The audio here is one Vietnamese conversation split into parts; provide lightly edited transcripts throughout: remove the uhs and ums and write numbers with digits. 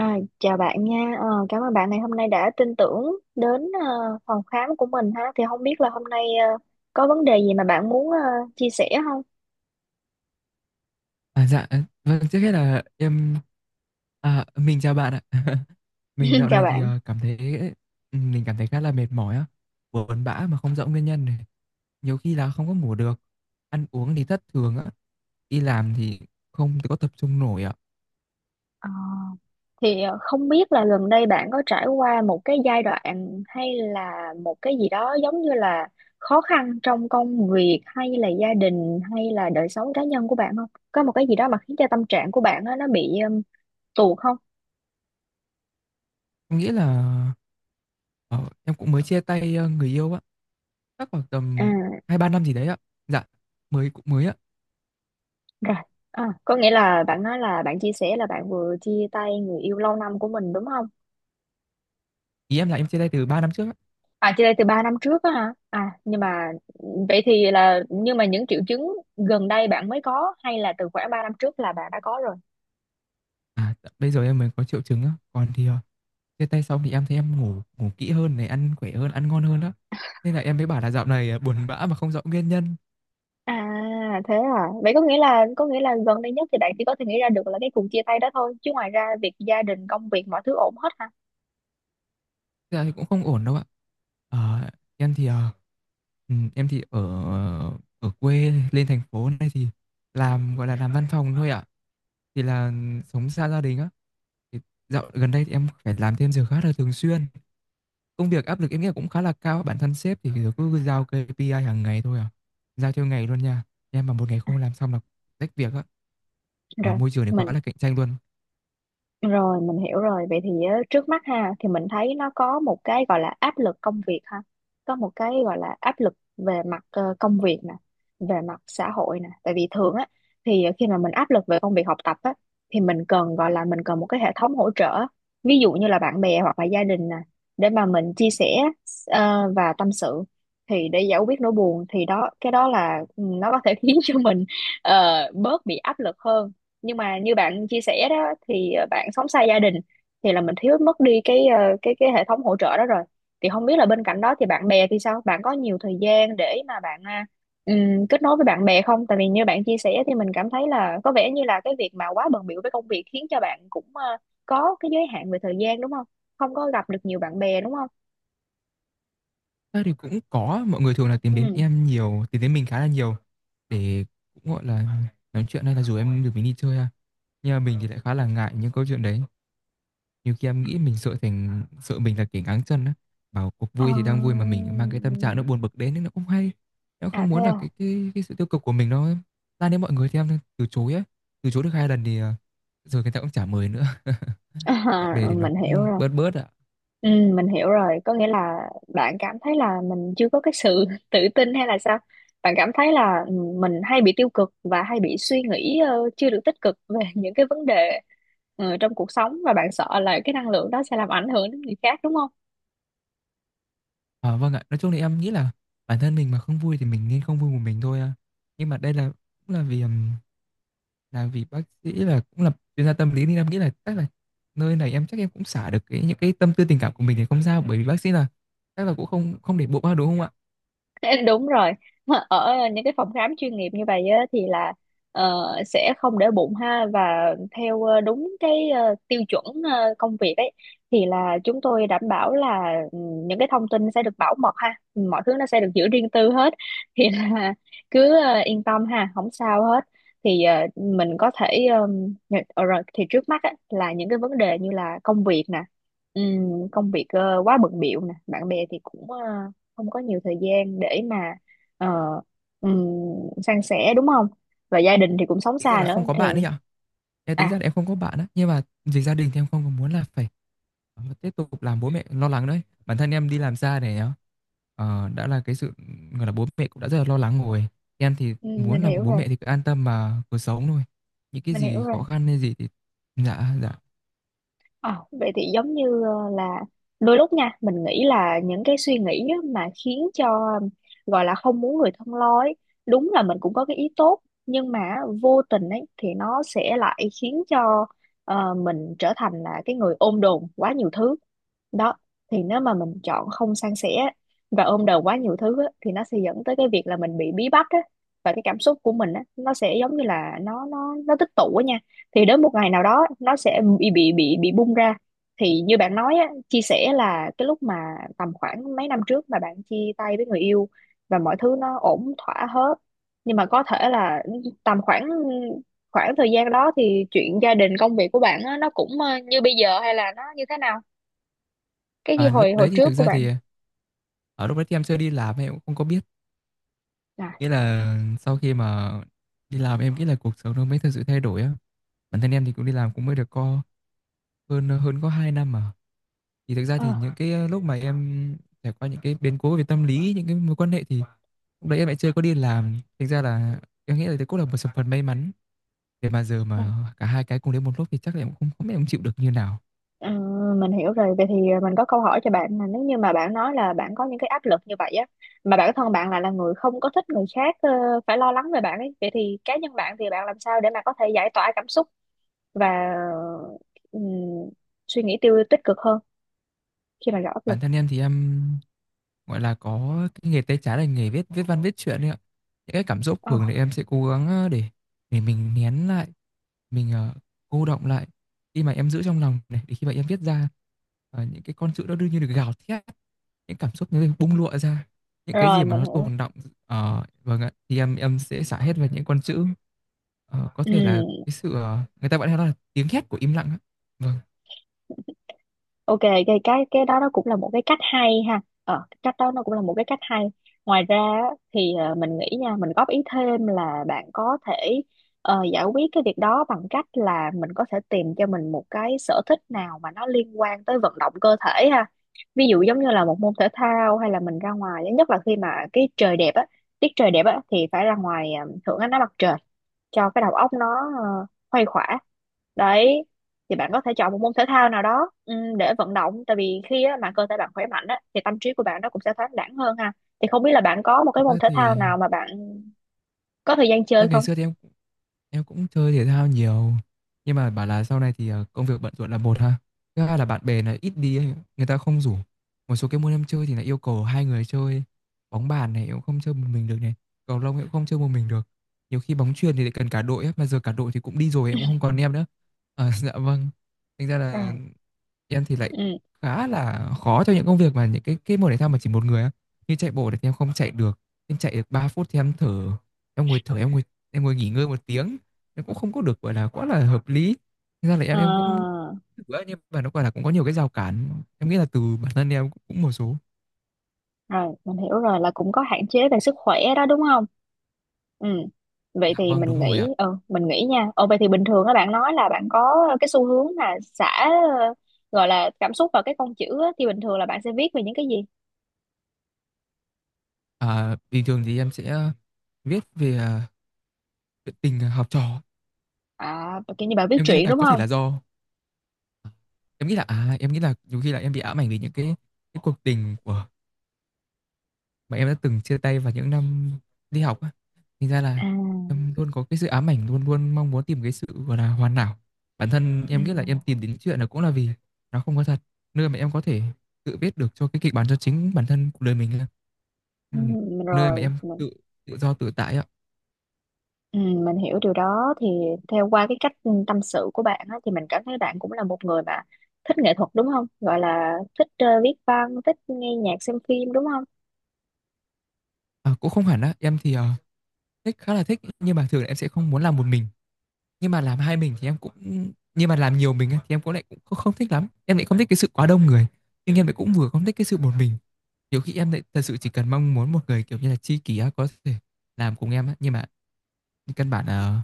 Chào bạn nha. Ờ, cảm ơn bạn ngày hôm nay đã tin tưởng đến phòng khám của mình ha. Thì không biết là hôm nay có vấn đề gì mà bạn muốn chia sẻ không? À, dạ, ờ, vâng, trước hết là mình chào bạn ạ. Mình dạo Chào này thì bạn. ờ, cảm thấy, ừ, mình cảm thấy khá là mệt mỏi á, buồn bã mà không rõ nguyên nhân này. Nhiều khi là không có ngủ được, ăn uống thì thất thường á, đi làm thì không có tập trung nổi ạ. Ờ, không biết là gần đây bạn có trải qua một cái giai đoạn hay là một cái gì đó giống như là khó khăn trong công việc hay là gia đình hay là đời sống cá nhân của bạn không? Có một cái gì đó mà khiến cho tâm trạng của bạn á, nó bị tuột không? Em nghĩ là ờ, em cũng mới chia tay người yêu á, chắc khoảng tầm À. hai ba năm gì đấy ạ. Dạ, mới cũng mới ạ. Rồi, à, có nghĩa là bạn nói là bạn chia sẻ là bạn vừa chia tay người yêu lâu năm của mình đúng không? Ý em là em chia tay từ 3 năm trước á. À, chia tay từ 3 năm trước á hả? À, nhưng mà vậy thì là nhưng mà những triệu chứng gần đây bạn mới có hay là từ khoảng 3 năm trước là bạn đã có rồi? Bây giờ em mới có triệu chứng á, còn chia tay xong thì em thấy em ngủ ngủ kỹ hơn này, ăn khỏe hơn, ăn ngon hơn đó. Nên là em mới bảo là dạo này à, buồn bã mà không rõ nguyên nhân. À, thế à. Vậy có nghĩa là gần đây nhất thì bạn chỉ có thể nghĩ ra được là cái cuộc chia tay đó thôi, chứ ngoài ra việc gia đình, công việc mọi thứ ổn hết hả? Thế là thì cũng không ổn đâu ạ. Ờ, em thì ờ, ừ, em thì ở ở quê lên thành phố này thì làm gọi là làm văn phòng thôi ạ. Thì là ừ, Sống xa gia đình á. Thì dạo gần đây thì em phải làm thêm giờ khá là thường xuyên. Công việc áp lực em nghĩ là cũng khá là cao. Bản thân sếp thì cứ giao KPI hàng ngày thôi à. Giao theo ngày luôn nha. Em mà một ngày À, không làm xong là rách việc á. Ờ, rồi, môi trường này mình quá là cạnh tranh luôn. Rồi mình hiểu rồi. Vậy thì á, trước mắt ha thì mình thấy nó có một cái gọi là áp lực công việc ha. Có một cái gọi là áp lực về mặt công việc nè, về mặt xã hội nè. Tại vì thường á thì khi mà mình áp lực về công việc học tập á thì mình cần một cái hệ thống hỗ trợ. Ví dụ như là bạn bè hoặc là gia đình nè để mà mình chia sẻ và tâm sự thì để giải quyết nỗi buồn thì đó cái đó là ừ, nó có thể khiến cho mình ờ, bớt bị áp lực hơn, nhưng mà như bạn chia sẻ đó thì bạn sống xa gia đình thì là mình thiếu mất đi cái cái hệ thống hỗ trợ đó rồi. Thì không biết là bên cạnh đó thì bạn bè thì sao, bạn có nhiều thời gian để mà bạn kết nối với bạn bè không? Tại vì như bạn chia sẻ thì mình cảm thấy là có vẻ như là cái việc mà quá bận bịu với công việc khiến cho bạn cũng có cái giới hạn về thời gian đúng không, không có gặp được nhiều bạn bè đúng không? Thế thì cũng có mọi người thường là tìm đến Ừ. em nhiều, tìm đến mình khá là nhiều để cũng gọi là nói chuyện hay là rủ em được mình đi chơi ha. Nhưng mà mình thì lại khá là ngại những câu chuyện đấy. Nhiều khi em nghĩ mình sợ thành sợ mình là kẻ ngáng chân á. Bảo cuộc Ờ, vui thì đang vui mà mình mang cái tâm trạng nó buồn bực đến nên nó không hay. Em à không thế muốn là à, cái sự tiêu cực của mình nó lan đến mọi người thì em từ chối á. Từ chối được hai lần rồi người ta cũng chả mời nữa. Bạn bè thì nó mình hiểu cũng rồi. bớt bớt ạ. Ừ, mình hiểu rồi, có nghĩa là bạn cảm thấy là mình chưa có cái sự tự tin hay là sao? Bạn cảm thấy là ừ, mình hay bị tiêu cực và hay bị suy nghĩ chưa được tích cực về những cái vấn đề trong cuộc sống, và bạn sợ là cái năng lượng đó sẽ làm ảnh hưởng đến người khác đúng không? À, vâng ạ, nói chung là em nghĩ là bản thân mình mà không vui thì mình nên không vui một mình thôi à. Nhưng mà đây là cũng là vì làm vì bác sĩ là cũng là chuyên gia tâm lý nên em nghĩ là chắc là nơi này em chắc em cũng xả được cái những cái tâm tư tình cảm của mình thì không sao bởi vì bác sĩ là chắc là cũng không không để bụng ba đúng không ạ. Đúng rồi, ở những cái phòng khám chuyên nghiệp như vậy á, thì là ờ, sẽ không để bụng ha, và theo đúng cái tiêu chuẩn công việc ấy thì là chúng tôi đảm bảo là ừ, những cái thông tin sẽ được bảo mật ha, mọi thứ nó sẽ được giữ riêng tư hết. Thì là cứ yên tâm ha, không sao hết. Thì mình có thể rồi thì trước mắt á, là những cái vấn đề như là công việc nè, công việc quá bận bịu nè, bạn bè thì cũng không có nhiều thời gian để mà ờ, ừm, san sẻ đúng không, và gia đình thì cũng sống Tính ra xa là nữa không có thì bạn đấy nhở, em tính à, ra là em không có bạn á, nhưng mà vì gia đình thì em không có muốn là phải tiếp tục làm bố mẹ lo lắng đấy, bản thân em đi làm xa này nhá. Đã là cái sự gọi là bố mẹ cũng đã rất là lo lắng rồi, em thì mình muốn là hiểu bố rồi, mẹ thì cứ an tâm mà cuộc sống thôi. Những cái mình hiểu gì rồi. khó khăn hay gì thì dạ dạ. Ờ, vậy thì giống như ờ, là đôi lúc nha mình nghĩ là những cái suy nghĩ á mà khiến cho ờ, gọi là không muốn người thân lo ấy, đúng là mình cũng có cái ý tốt, nhưng mà vô tình ấy thì nó sẽ lại khiến cho mình trở thành là cái người ôm đồm quá nhiều thứ đó. Thì nếu mà mình chọn không san sẻ và ôm đồm quá nhiều thứ á, thì nó sẽ dẫn tới cái việc là mình bị bí bách á, và cái cảm xúc của mình á, nó sẽ giống như là nó tích tụ á nha, thì đến một ngày nào đó nó sẽ bị bung ra. Thì như bạn nói á, chia sẻ là cái lúc mà tầm khoảng mấy năm trước mà bạn chia tay với người yêu và mọi thứ nó ổn thỏa hết, nhưng mà có thể là tầm khoảng khoảng thời gian đó thì chuyện gia đình công việc của bạn á, nó cũng như bây giờ hay là nó như thế nào, cái như À, hồi lúc hồi đấy thì trước thực của ra thì bạn. ở lúc đấy thì em chưa đi làm em cũng không có biết, à, nghĩa là sau khi mà đi làm em nghĩ là cuộc sống nó mới thực sự thay đổi á. Bản thân em thì cũng đi làm cũng mới được có hơn hơn có 2 năm mà. Thì thực ra thì ờ, những cái lúc mà em trải qua những cái biến cố về tâm lý, những cái mối quan hệ thì lúc đấy em lại chưa có đi làm, thành ra là em nghĩ là đấy cũng là một sự phần may mắn, để mà giờ mà cả hai cái cùng đến một lúc thì chắc là em cũng không không biết em chịu được như nào. Ờ, mình hiểu rồi. Vậy thì mình có câu hỏi cho bạn là nếu như mà bạn nói là bạn có những cái áp lực như vậy á, mà bản thân bạn lại là người không có thích người khác phải lo lắng về bạn ấy, vậy thì cá nhân bạn thì bạn làm sao để mà có thể giải tỏa cảm xúc và ừm, suy nghĩ tích cực hơn khi mà gặp áp lực? Bản thân em thì em gọi là có cái nghề tay trái là nghề viết viết văn viết truyện đấy ạ. Những cái cảm xúc Ờ, thường thì em sẽ cố gắng để mình nén lại, mình cô đọng lại, khi mà em giữ trong lòng này để khi mà em viết ra những cái con chữ đó đương nhiên được gào thét, những cảm xúc nó bung lụa ra, những cái Rồi, gì mà mình nó hiểu. tồn đọng. Vâng ạ, thì em sẽ xả hết vào những con chữ. Ờ, có Ừ. thể là cái sự người ta gọi nó là tiếng hét của im lặng á. Vâng, Ok, cái đó nó cũng là một cái cách hay ha. Ờ, cái cách đó nó cũng là một cái cách hay. Ngoài ra á, thì mình nghĩ nha, mình góp ý thêm là bạn có thể giải quyết cái việc đó bằng cách là mình có thể tìm cho mình một cái sở thích nào mà nó liên quan tới vận động cơ thể ha. Ví dụ giống như là một môn thể thao, hay là mình ra ngoài, nhất là khi mà cái trời đẹp á, tiết trời đẹp á thì phải ra ngoài hưởng ánh nắng mặt trời cho cái đầu óc nó ờ, khuây khỏa đấy. Thì bạn có thể chọn một môn thể thao nào đó để vận động, tại vì khi á, mà cơ thể bạn khỏe mạnh á, thì tâm trí của bạn nó cũng sẽ thoáng đãng hơn ha. Thì không biết là bạn có một thực cái ra môn thể thao thì nào mà bạn có thời gian à, chơi ngày không? xưa thì em cũng chơi thể thao nhiều nhưng mà bảo là sau này thì công việc bận rộn là một ha. Thứ hai là bạn bè là ít đi ấy, người ta không rủ. Một số cái môn em chơi thì lại yêu cầu hai người chơi. Bóng bàn này em cũng không chơi một mình được này, cầu lông em cũng không chơi một mình được. Nhiều khi bóng chuyền thì lại cần cả đội ấy, mà giờ cả đội thì cũng đi rồi em cũng không còn em nữa. À, dạ vâng. Thành ra À, là em thì lại ừ khá là khó cho những công việc mà những cái môn thể thao mà chỉ một người á, như chạy bộ thì em không chạy được, em chạy được 3 phút thì em thở, em ngồi thở, em ngồi nghỉ ngơi 1 tiếng em cũng không có được gọi là quá là hợp lý. Thế ra là Ờ, em cũng thử á, nhưng mà nó gọi là cũng có nhiều cái rào cản, em nghĩ là từ bản thân em cũng một số. Rồi, mình hiểu rồi là cũng có hạn chế về sức khỏe đó đúng không? Ừ. Vậy Dạ thì vâng đúng rồi ạ. Mình nghĩ nha. Ồ vậy thì bình thường các bạn nói là bạn có cái xu hướng là xả ờ, gọi là cảm xúc vào cái con chữ á, thì bình thường là bạn sẽ viết về những cái gì? À, bình thường thì em sẽ viết về à, chuyện tình học trò. À kiểu như bạn viết Em nghĩ truyện là đúng có thể không? là do em nghĩ là nhiều khi là em bị ám ảnh vì những cái cuộc tình của mà em đã từng chia tay vào những năm đi học á, thành ra là À, em luôn có cái sự ám ảnh, luôn luôn mong muốn tìm cái sự gọi là hoàn hảo. Bản thân à, em nghĩ là em tìm đến chuyện là cũng là vì nó không có thật, nơi mà em có thể tự viết được cho cái kịch bản cho chính bản thân cuộc đời mình á. ừ, Ừ, nơi mà rồi em mình, tự tự do tự tại ạ. ừ, mình hiểu điều đó. Thì theo qua cái cách tâm sự của bạn á, thì mình cảm thấy bạn cũng là một người mà thích nghệ thuật đúng không? Gọi là thích viết văn, thích nghe nhạc, xem phim đúng không? À, cũng không hẳn á, em thì thích khá là thích nhưng mà thường là em sẽ không muốn làm một mình, nhưng mà làm hai mình thì em cũng, nhưng mà làm nhiều mình á, thì em cũng lại cũng không thích lắm, em lại không thích cái sự quá đông người nhưng em lại cũng vừa không thích cái sự một mình. Nhiều khi em lại thật sự chỉ cần mong muốn một người, kiểu như là, tri kỷ á, có thể làm cùng em á, nhưng mà căn bản là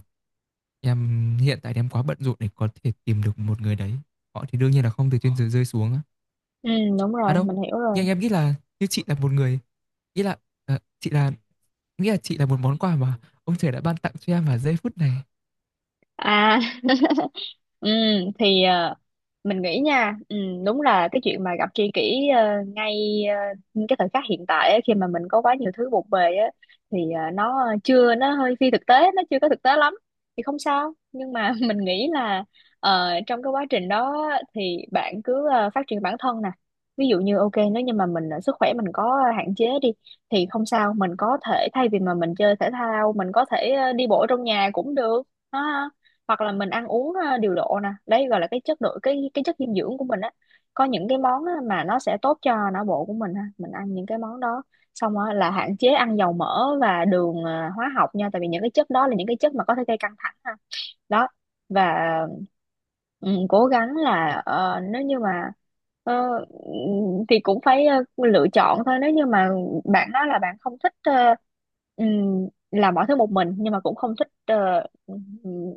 em hiện tại em quá bận rộn để có thể tìm được một người đấy. Họ thì đương nhiên là không từ trên trời rơi xuống á. Ừ, đúng À, rồi, đâu, mình hiểu rồi. nhưng em nghĩ là như chị là một người, ý là, ờ, chị là nghĩa là chị là một món quà mà ông trời đã ban tặng cho em vào giây phút này. À, Ừ, thì ờ, mình nghĩ nha ừ, đúng là cái chuyện mà gặp tri kỷ ngay cái thời khắc hiện tại ấy, khi mà mình có quá nhiều thứ bộn bề á thì ờ, nó chưa nó hơi phi thực tế, nó chưa có thực tế lắm, thì không sao. Nhưng mà mình nghĩ là trong cái quá trình đó á, thì bạn cứ phát triển bản thân nè. Ví dụ như ok, nếu như mà mình sức khỏe mình có hạn chế đi thì không sao, mình có thể thay vì mà mình chơi thể thao, mình có thể đi bộ trong nhà cũng được ha. Hoặc là mình ăn uống điều độ nè, đấy gọi là cái chất dinh dưỡng của mình á, có những cái món á, mà nó sẽ tốt cho não bộ của mình ha, mình ăn những cái món đó. Xong á, là hạn chế ăn dầu mỡ và đường hóa học nha, tại vì những cái chất đó là những cái chất mà có thể gây căng thẳng ha đó. Và ừ, cố gắng là ờ, nếu như mà ờ, thì cũng phải lựa chọn thôi. Nếu như mà bạn nói là bạn không thích làm mọi thứ một mình, nhưng mà cũng không thích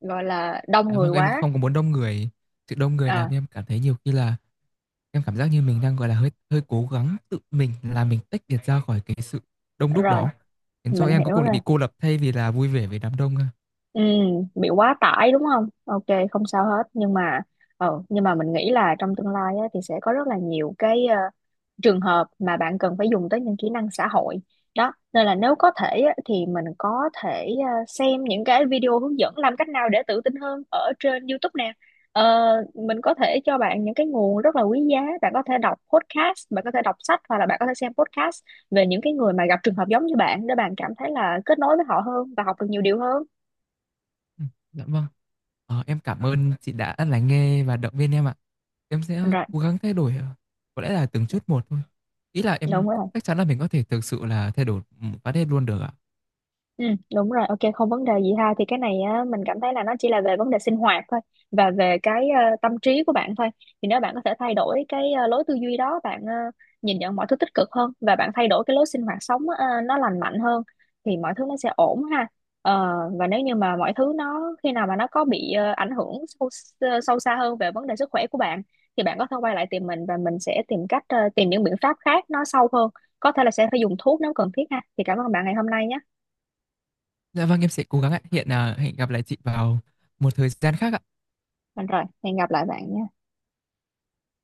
gọi là đông Dạ người vâng, em quá. không có muốn đông người, sự đông người làm à em cảm thấy nhiều khi là em cảm giác như mình đang, gọi là, hơi hơi cố gắng tự mình là mình tách biệt ra khỏi cái sự đông đúc Rồi đó, khiến cho mình em cuối hiểu cùng lại rồi. bị cô lập thay vì là vui vẻ với đám đông ha. Ừ, bị quá tải đúng không? Ok, không sao hết. Nhưng mà nhưng mà mình nghĩ là trong tương lai á, thì sẽ có rất là nhiều cái trường hợp mà bạn cần phải dùng tới những kỹ năng xã hội. Đó, nên là nếu có thể á, thì mình có thể xem những cái video hướng dẫn làm cách nào để tự tin hơn ở trên YouTube nè. Ờ, mình có thể cho bạn những cái nguồn rất là quý giá. Bạn có thể đọc podcast, bạn có thể đọc sách, hoặc là bạn có thể xem podcast về những cái người mà gặp trường hợp giống như bạn, để bạn cảm thấy là kết nối với họ hơn và học được nhiều điều hơn. Dạ vâng. Ờ, em cảm ơn chị đã lắng nghe và động viên em ạ. Em sẽ Rồi cố gắng thay đổi, có lẽ là từng chút một thôi. Ý là em đúng rồi chắc chắn là mình có thể thực sự là thay đổi, phát hết luôn được ạ. ừ, Đúng rồi, ok, không vấn đề gì ha. Thì cái này á, mình cảm thấy là nó chỉ là về vấn đề sinh hoạt thôi và về cái tâm trí của bạn thôi. Thì nếu bạn có thể thay đổi cái lối tư duy đó, bạn nhìn nhận mọi thứ tích cực hơn, và bạn thay đổi cái lối sinh hoạt sống nó lành mạnh hơn, thì mọi thứ nó sẽ ổn ha. Ờ, và nếu như mà mọi thứ nó khi nào mà nó có bị ảnh hưởng sâu, sâu xa hơn về vấn đề sức khỏe của bạn, thì bạn có thể quay lại tìm mình và mình sẽ tìm cách tìm những biện pháp khác nó sâu hơn, có thể là sẽ phải dùng thuốc nếu cần thiết ha. Thì cảm ơn bạn ngày hôm nay nhé. Dạ vâng, em sẽ cố gắng ạ. Hẹn gặp lại chị vào một thời gian khác ạ. Đúng rồi, hẹn gặp lại bạn nhé.